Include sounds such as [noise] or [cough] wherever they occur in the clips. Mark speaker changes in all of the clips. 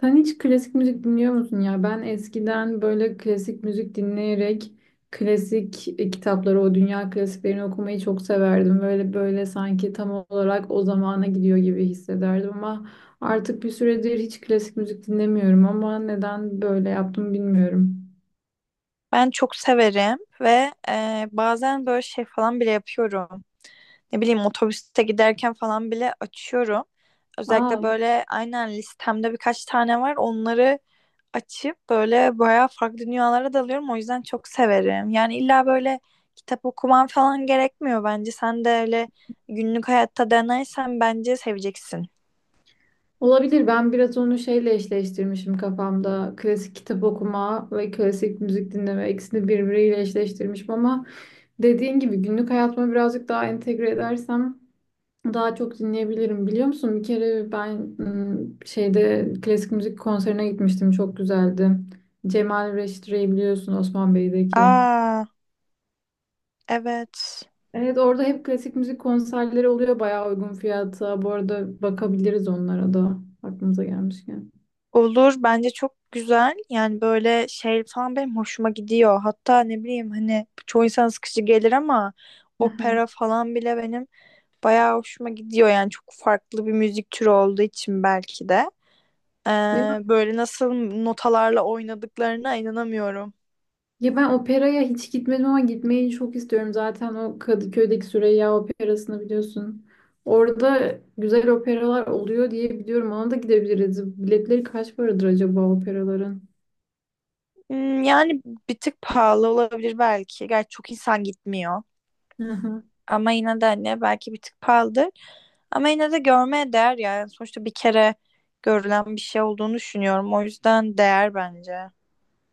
Speaker 1: Sen hiç klasik müzik dinliyor musun ya? Ben eskiden böyle klasik müzik dinleyerek klasik kitapları, o dünya klasiklerini okumayı çok severdim. Böyle böyle sanki tam olarak o zamana gidiyor gibi hissederdim ama artık bir süredir hiç klasik müzik dinlemiyorum ama neden böyle yaptım bilmiyorum.
Speaker 2: Ben çok severim ve bazen böyle şey falan bile yapıyorum. Ne bileyim otobüste giderken falan bile açıyorum.
Speaker 1: Aa,
Speaker 2: Özellikle böyle aynen listemde birkaç tane var. Onları açıp böyle bayağı farklı dünyalara dalıyorum. O yüzden çok severim. Yani illa böyle kitap okuman falan gerekmiyor bence. Sen de öyle günlük hayatta denersen bence seveceksin.
Speaker 1: olabilir. Ben biraz onu şeyle eşleştirmişim kafamda. Klasik kitap okuma ve klasik müzik dinleme ikisini birbiriyle eşleştirmişim ama dediğin gibi günlük hayatıma birazcık daha entegre edersem daha çok dinleyebilirim. Biliyor musun? Bir kere ben şeyde klasik müzik konserine gitmiştim. Çok güzeldi. Cemal Reşitre'yi biliyorsun Osman Bey'deki.
Speaker 2: Aa, evet.
Speaker 1: Evet, orada hep klasik müzik konserleri oluyor bayağı uygun fiyata. Bu arada bakabiliriz onlara da aklımıza gelmişken.
Speaker 2: Olur bence çok güzel yani böyle şey falan benim hoşuma gidiyor, hatta ne bileyim, hani çoğu insan sıkıcı gelir ama
Speaker 1: Aha.
Speaker 2: opera falan bile benim bayağı hoşuma gidiyor yani çok farklı bir müzik türü olduğu için belki de. Ee, Böyle nasıl notalarla oynadıklarına inanamıyorum.
Speaker 1: Ya ben operaya hiç gitmedim ama gitmeyi çok istiyorum. Zaten o Kadıköy'deki Süreyya Operası'nı biliyorsun. Orada güzel operalar oluyor diye biliyorum. Ona da gidebiliriz. Biletleri kaç paradır acaba operaların?
Speaker 2: Hmm, yani bir tık pahalı olabilir belki, gerçi çok insan gitmiyor.
Speaker 1: Hı hı.
Speaker 2: Ama yine de hani belki bir tık pahalıdır. Ama yine de görmeye değer yani. Sonuçta bir kere görülen bir şey olduğunu düşünüyorum. O yüzden değer bence.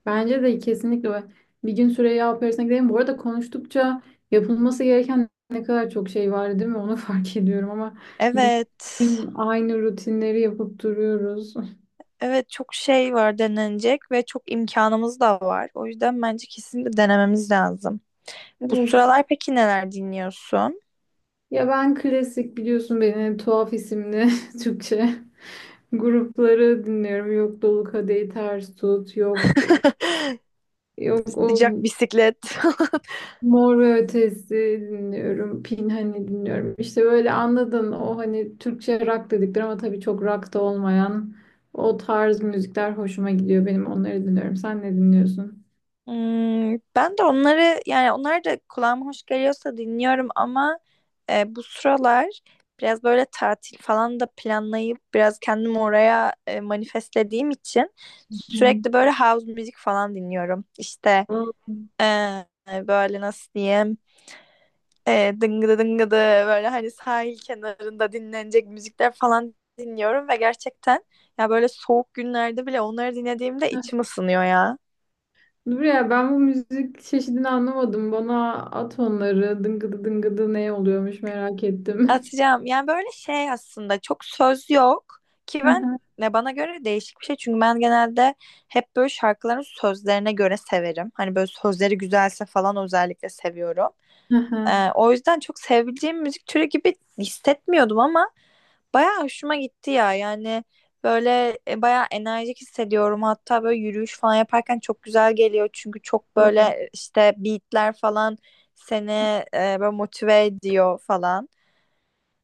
Speaker 1: Bence de kesinlikle bir gün Süreyya Operası'na gidelim. Bu arada konuştukça yapılması gereken ne kadar çok şey var değil mi? Onu [laughs] fark ediyorum ama biz
Speaker 2: Evet.
Speaker 1: bugün aynı rutinleri yapıp duruyoruz.
Speaker 2: Evet çok şey var denenecek ve çok imkanımız da var. O yüzden bence kesinlikle denememiz lazım. Bu
Speaker 1: Evet.
Speaker 2: sıralar peki neler dinliyorsun?
Speaker 1: Ya ben klasik biliyorsun beni tuhaf isimli [laughs] Türkçe grupları dinliyorum. Yok Dolu Kadehi Ters Tut, yok
Speaker 2: [laughs]
Speaker 1: yok o
Speaker 2: Sıcak bisiklet. [laughs]
Speaker 1: Mor ve Ötesi dinliyorum. Pinhani dinliyorum. İşte böyle anladın o hani Türkçe rock dedikleri ama tabii çok rock da olmayan o tarz müzikler hoşuma gidiyor benim. Onları dinliyorum. Sen ne dinliyorsun?
Speaker 2: Hmm, ben de onları yani onlar da kulağıma hoş geliyorsa dinliyorum ama bu sıralar biraz böyle tatil falan da planlayıp biraz kendimi oraya manifestlediğim için
Speaker 1: Hmm.
Speaker 2: sürekli böyle house müzik falan dinliyorum. İşte e, böyle nasıl diyeyim, dıngıdı dıngıdı, böyle hani sahil kenarında dinlenecek müzikler falan dinliyorum ve gerçekten ya böyle soğuk günlerde bile onları dinlediğimde
Speaker 1: Heh,
Speaker 2: içim ısınıyor ya.
Speaker 1: dur ya ben bu müzik çeşidini anlamadım. Bana at onları. Dıngıdı dıngıdı ne oluyormuş merak ettim.
Speaker 2: Atacağım. Yani böyle şey aslında çok söz yok ki
Speaker 1: [laughs]
Speaker 2: ben,
Speaker 1: Aha.
Speaker 2: ne, bana göre değişik bir şey. Çünkü ben genelde hep böyle şarkıların sözlerine göre severim. Hani böyle sözleri güzelse falan özellikle seviyorum.
Speaker 1: Aha.
Speaker 2: O yüzden çok sevebileceğim müzik türü gibi hissetmiyordum ama bayağı hoşuma gitti ya. Yani böyle bayağı enerjik hissediyorum. Hatta böyle yürüyüş falan yaparken çok güzel geliyor. Çünkü çok
Speaker 1: O.
Speaker 2: böyle işte beatler falan seni böyle motive ediyor falan.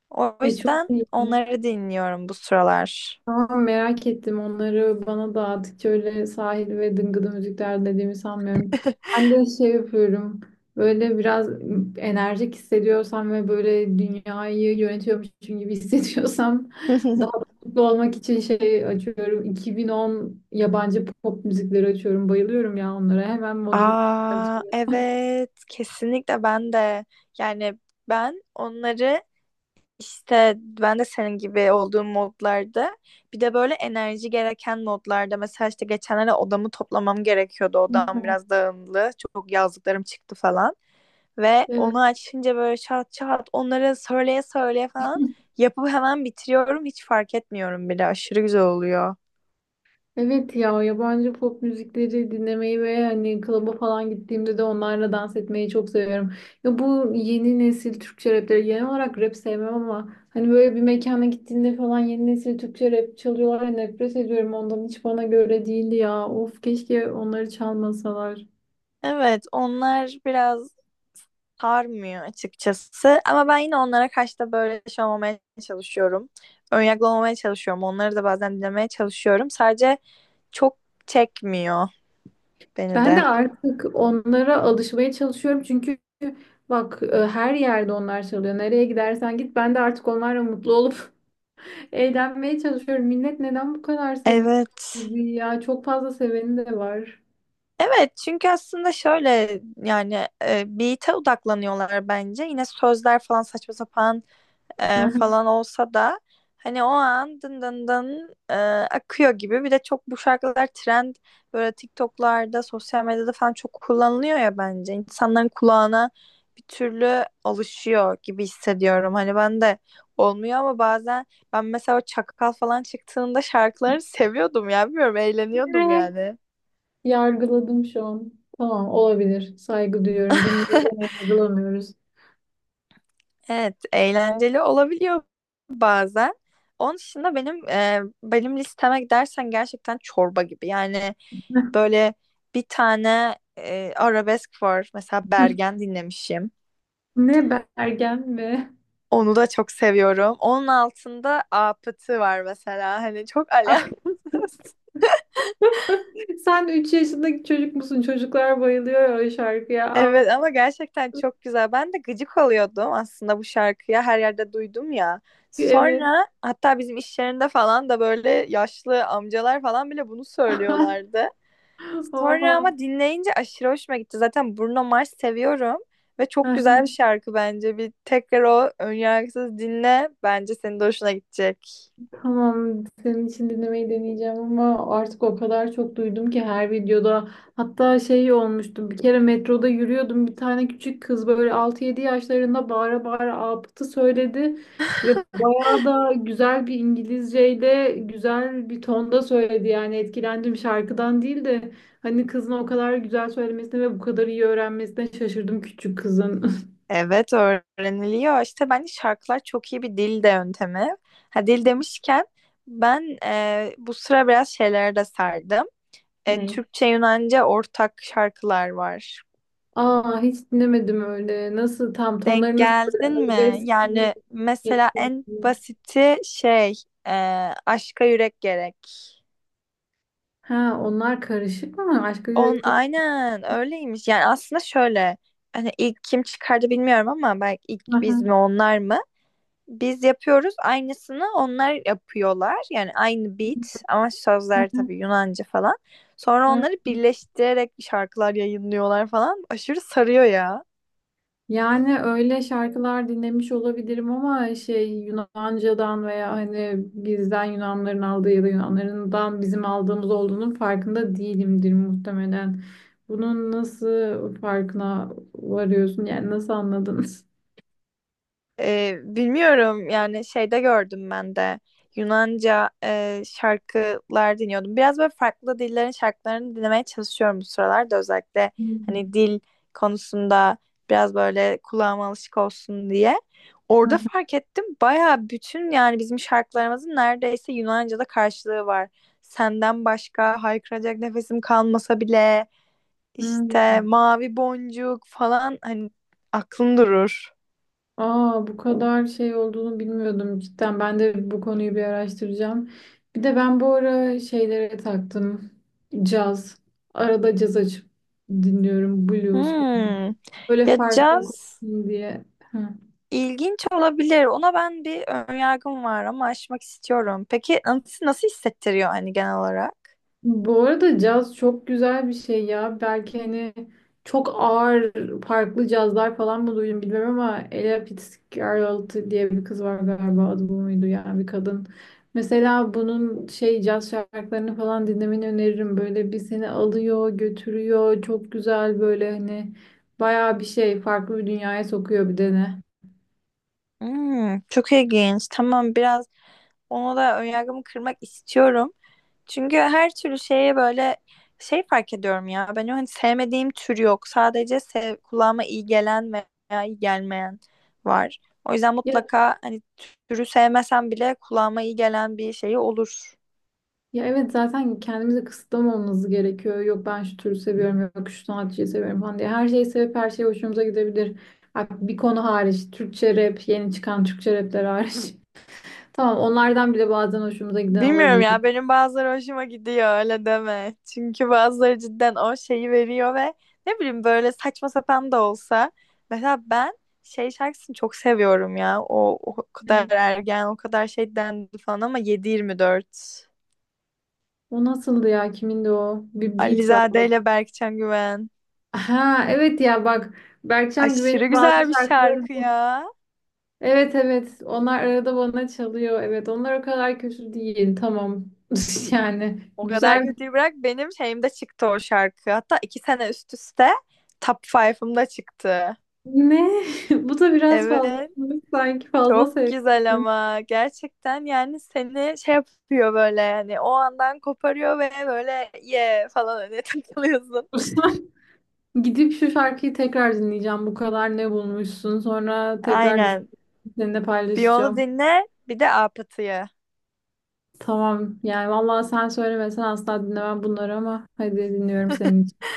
Speaker 2: O
Speaker 1: E çok
Speaker 2: yüzden
Speaker 1: iyi.
Speaker 2: onları dinliyorum bu sıralar.
Speaker 1: Tamam, merak ettim onları bana dağıttıkça öyle sahil ve dıngıdı müzikler dediğimi sanmıyorum. Ben de şey yapıyorum, böyle biraz enerjik hissediyorsam ve böyle dünyayı yönetiyormuşum gibi [laughs] hissediyorsam daha da
Speaker 2: [laughs]
Speaker 1: mutlu olmak için şey açıyorum. 2010 yabancı pop müzikleri açıyorum, bayılıyorum ya onlara, hemen modumu
Speaker 2: Aa
Speaker 1: düzeltiyorum.
Speaker 2: evet, kesinlikle ben de yani ben onları, işte ben de senin gibi olduğum modlarda, bir de böyle enerji gereken modlarda, mesela işte geçenlerde odamı toplamam gerekiyordu, odam biraz dağınıktı, çok yazdıklarım çıktı falan ve
Speaker 1: Evet.
Speaker 2: onu açınca böyle çat çat onları söyleye söyleye falan yapıp hemen bitiriyorum, hiç fark etmiyorum bile, aşırı güzel oluyor.
Speaker 1: Evet ya, yabancı pop müzikleri dinlemeyi ve hani klaba falan gittiğimde de onlarla dans etmeyi çok seviyorum. Ya bu yeni nesil Türkçe rapleri, genel olarak rap sevmem ama hani böyle bir mekana gittiğinde falan yeni nesil Türkçe rap çalıyorlar ya, nefret ediyorum ondan, hiç bana göre değildi ya. Of, keşke onları çalmasalar.
Speaker 2: Evet, onlar biraz sarmıyor açıkçası. Ama ben yine onlara karşı da böyle şey olmamaya çalışıyorum. Önyargılı olmamaya çalışıyorum. Onları da bazen dinlemeye çalışıyorum. Sadece çok çekmiyor beni
Speaker 1: Ben
Speaker 2: de.
Speaker 1: de artık onlara alışmaya çalışıyorum çünkü bak her yerde onlar çalıyor. Nereye gidersen git, ben de artık onlarla mutlu olup [laughs] eğlenmeye çalışıyorum. Millet neden bu kadar seviyor
Speaker 2: Evet.
Speaker 1: müziği ya? Çok fazla seveni de var.
Speaker 2: Evet, çünkü aslında şöyle yani beat'e odaklanıyorlar bence. Yine sözler falan saçma sapan
Speaker 1: Aha.
Speaker 2: falan olsa da hani o an dın dın dın, akıyor gibi. Bir de çok bu şarkılar trend, böyle TikTok'larda, sosyal medyada falan çok kullanılıyor ya bence. İnsanların kulağına bir türlü alışıyor gibi hissediyorum. Hani ben de olmuyor ama bazen ben mesela o Çakal falan çıktığında şarkılarını seviyordum ya. Bilmiyorum, eğleniyordum
Speaker 1: Evet.
Speaker 2: yani.
Speaker 1: Yargıladım şu an. Tamam, olabilir. Saygı duyuyorum. Dinliyorum,
Speaker 2: [laughs]
Speaker 1: yargılamıyoruz.
Speaker 2: Evet, eğlenceli olabiliyor bazen. Onun dışında benim benim listeme dersen gerçekten çorba gibi. Yani
Speaker 1: [laughs]
Speaker 2: böyle bir tane arabesk var. Mesela Bergen dinlemişim.
Speaker 1: Ne, Bergen mi?
Speaker 2: Onu da çok seviyorum. Onun altında Apıtı var mesela. Hani çok [laughs]
Speaker 1: Ah,
Speaker 2: alakasız.
Speaker 1: [laughs] sen 3 yaşındaki çocuk musun? Çocuklar bayılıyor ya o şarkıya. Al.
Speaker 2: Evet ama gerçekten çok güzel. Ben de gıcık oluyordum aslında bu şarkıya. Her yerde duydum ya.
Speaker 1: Evet.
Speaker 2: Sonra hatta bizim iş yerinde falan da böyle yaşlı amcalar falan bile bunu söylüyorlardı.
Speaker 1: Oha.
Speaker 2: Sonra ama dinleyince aşırı hoşuma gitti. Zaten Bruno Mars seviyorum ve çok güzel
Speaker 1: [laughs]
Speaker 2: bir şarkı bence. Bir tekrar o önyargısız dinle. Bence senin de hoşuna gidecek.
Speaker 1: Tamam, senin için dinlemeyi deneyeceğim ama artık o kadar çok duydum ki her videoda. Hatta şey olmuştu, bir kere metroda yürüyordum. Bir tane küçük kız, böyle altı yedi yaşlarında, bağıra bağıra Apıt'ı söyledi. Ve bayağı da güzel bir İngilizceyle, güzel bir tonda söyledi. Yani etkilendim, şarkıdan değil de hani kızın o kadar güzel söylemesine ve bu kadar iyi öğrenmesine şaşırdım küçük kızın. [laughs]
Speaker 2: Evet öğreniliyor. İşte bence şarkılar çok iyi bir dil de yöntemi. Ha, dil demişken ben bu sıra biraz şeylere de sardım.
Speaker 1: Ne?
Speaker 2: Türkçe Yunanca ortak şarkılar var.
Speaker 1: Aa, hiç dinlemedim öyle. Nasıl tam,
Speaker 2: Denk
Speaker 1: tonları nasıl, böyle
Speaker 2: geldin mi?
Speaker 1: arabesk gibi
Speaker 2: Yani mesela
Speaker 1: etkili.
Speaker 2: en basiti şey, e, Aşka Yürek Gerek.
Speaker 1: Ha, onlar karışık mı? Aşka
Speaker 2: On
Speaker 1: Yürek gibi.
Speaker 2: aynen öyleymiş. Yani aslında şöyle, hani ilk kim çıkardı bilmiyorum ama belki ilk biz
Speaker 1: Aha,
Speaker 2: mi onlar mı? Biz yapıyoruz aynısını, onlar yapıyorlar. Yani aynı beat ama sözler
Speaker 1: aha,
Speaker 2: tabii Yunanca falan. Sonra
Speaker 1: aha.
Speaker 2: onları birleştirerek şarkılar yayınlıyorlar falan. Aşırı sarıyor ya.
Speaker 1: Yani öyle şarkılar dinlemiş olabilirim ama şey, Yunanca'dan veya hani bizden Yunanların aldığı ya da Yunanlarından bizim aldığımız olduğunun farkında değilimdir muhtemelen. Bunun nasıl farkına varıyorsun? Yani nasıl anladın?
Speaker 2: Bilmiyorum yani, şeyde gördüm ben de Yunanca şarkılar dinliyordum. Biraz böyle farklı dillerin şarkılarını dinlemeye çalışıyorum bu sıralarda, özellikle hani dil konusunda biraz böyle kulağıma alışık olsun diye. Orada fark ettim, baya bütün yani bizim şarkılarımızın neredeyse Yunanca'da karşılığı var. Senden başka haykıracak nefesim kalmasa bile,
Speaker 1: Hmm.
Speaker 2: işte mavi boncuk falan, hani aklın durur.
Speaker 1: Aa, bu kadar şey olduğunu bilmiyordum cidden. Ben de bu konuyu bir araştıracağım. Bir de ben bu ara şeylere taktım. Caz. Arada caz açıp dinliyorum. Blues falan.
Speaker 2: Hmm.
Speaker 1: Böyle
Speaker 2: Ya
Speaker 1: farklı
Speaker 2: caz
Speaker 1: olsun diye. Hı.
Speaker 2: ilginç olabilir. Ona ben, bir önyargım var ama aşmak istiyorum. Peki nasıl, nasıl hissettiriyor hani genel olarak?
Speaker 1: Bu arada caz çok güzel bir şey ya. Belki hani çok ağır farklı cazlar falan mı duydum bilmiyorum ama Ella Fitzgerald diye bir kız var, galiba adı bu muydu, yani bir kadın. Mesela bunun şey caz şarkılarını falan dinlemeni öneririm. Böyle bir seni alıyor, götürüyor. Çok güzel, böyle hani bayağı bir şey, farklı bir dünyaya sokuyor bir de ne.
Speaker 2: Hmm, çok ilginç. Tamam, biraz ona da önyargımı kırmak istiyorum. Çünkü her türlü şeye böyle şey fark ediyorum ya. Ben o, hani sevmediğim tür yok. Sadece sev, kulağıma iyi gelen veya iyi gelmeyen var. O yüzden
Speaker 1: Ya
Speaker 2: mutlaka, hani türü sevmesem bile, kulağıma iyi gelen bir şey olur.
Speaker 1: Ya evet, zaten kendimizi kısıtlamamamız gerekiyor. Yok ben şu türü seviyorum, yok şu sanatçıyı seviyorum falan diye. Her şeyi sevip her şey hoşumuza gidebilir. Ha, bir konu hariç, Türkçe rap, yeni çıkan Türkçe rapler hariç. [laughs] Tamam, onlardan bile bazen hoşumuza giden
Speaker 2: Bilmiyorum
Speaker 1: olabilir.
Speaker 2: ya, benim bazıları hoşuma gidiyor, öyle deme. Çünkü bazıları cidden o şeyi veriyor ve ne bileyim böyle saçma sapan da olsa. Mesela ben şey şarkısını çok seviyorum ya. O, o kadar
Speaker 1: Ne?
Speaker 2: ergen, o kadar şey dendi falan ama 7 dört
Speaker 1: O nasıldı ya? Kimindi o? Bir beat var.
Speaker 2: Alizade
Speaker 1: Bak.
Speaker 2: ile Berkcan Güven.
Speaker 1: Ha evet ya, bak, Berkcan Güven'in
Speaker 2: Aşırı güzel
Speaker 1: bazı
Speaker 2: bir
Speaker 1: şarkıları.
Speaker 2: şarkı ya.
Speaker 1: Evet evet, onlar arada bana çalıyor. Evet onlar o kadar kötü değil. Tamam, [laughs] yani
Speaker 2: O kadar
Speaker 1: güzel.
Speaker 2: kötüyü bırak, benim şeyimde çıktı o şarkı. Hatta iki sene üst üste Top 5'ımda çıktı.
Speaker 1: Ne? [laughs] Bu da biraz fazla
Speaker 2: Evet.
Speaker 1: olmuş. Sanki fazla
Speaker 2: Çok güzel
Speaker 1: sevmişsin.
Speaker 2: ama gerçekten yani seni şey yapıyor, böyle yani o andan koparıyor ve böyle ye falan öyle [laughs] takılıyorsun.
Speaker 1: [laughs] Gidip şu şarkıyı tekrar dinleyeceğim. Bu kadar ne bulmuşsun? Sonra tekrar düşünüp
Speaker 2: Aynen.
Speaker 1: seninle
Speaker 2: Bir onu
Speaker 1: paylaşacağım.
Speaker 2: dinle, bir de Apıtı'yı.
Speaker 1: Tamam. Yani vallahi sen söylemesen asla dinlemem bunları ama hadi, dinliyorum senin için.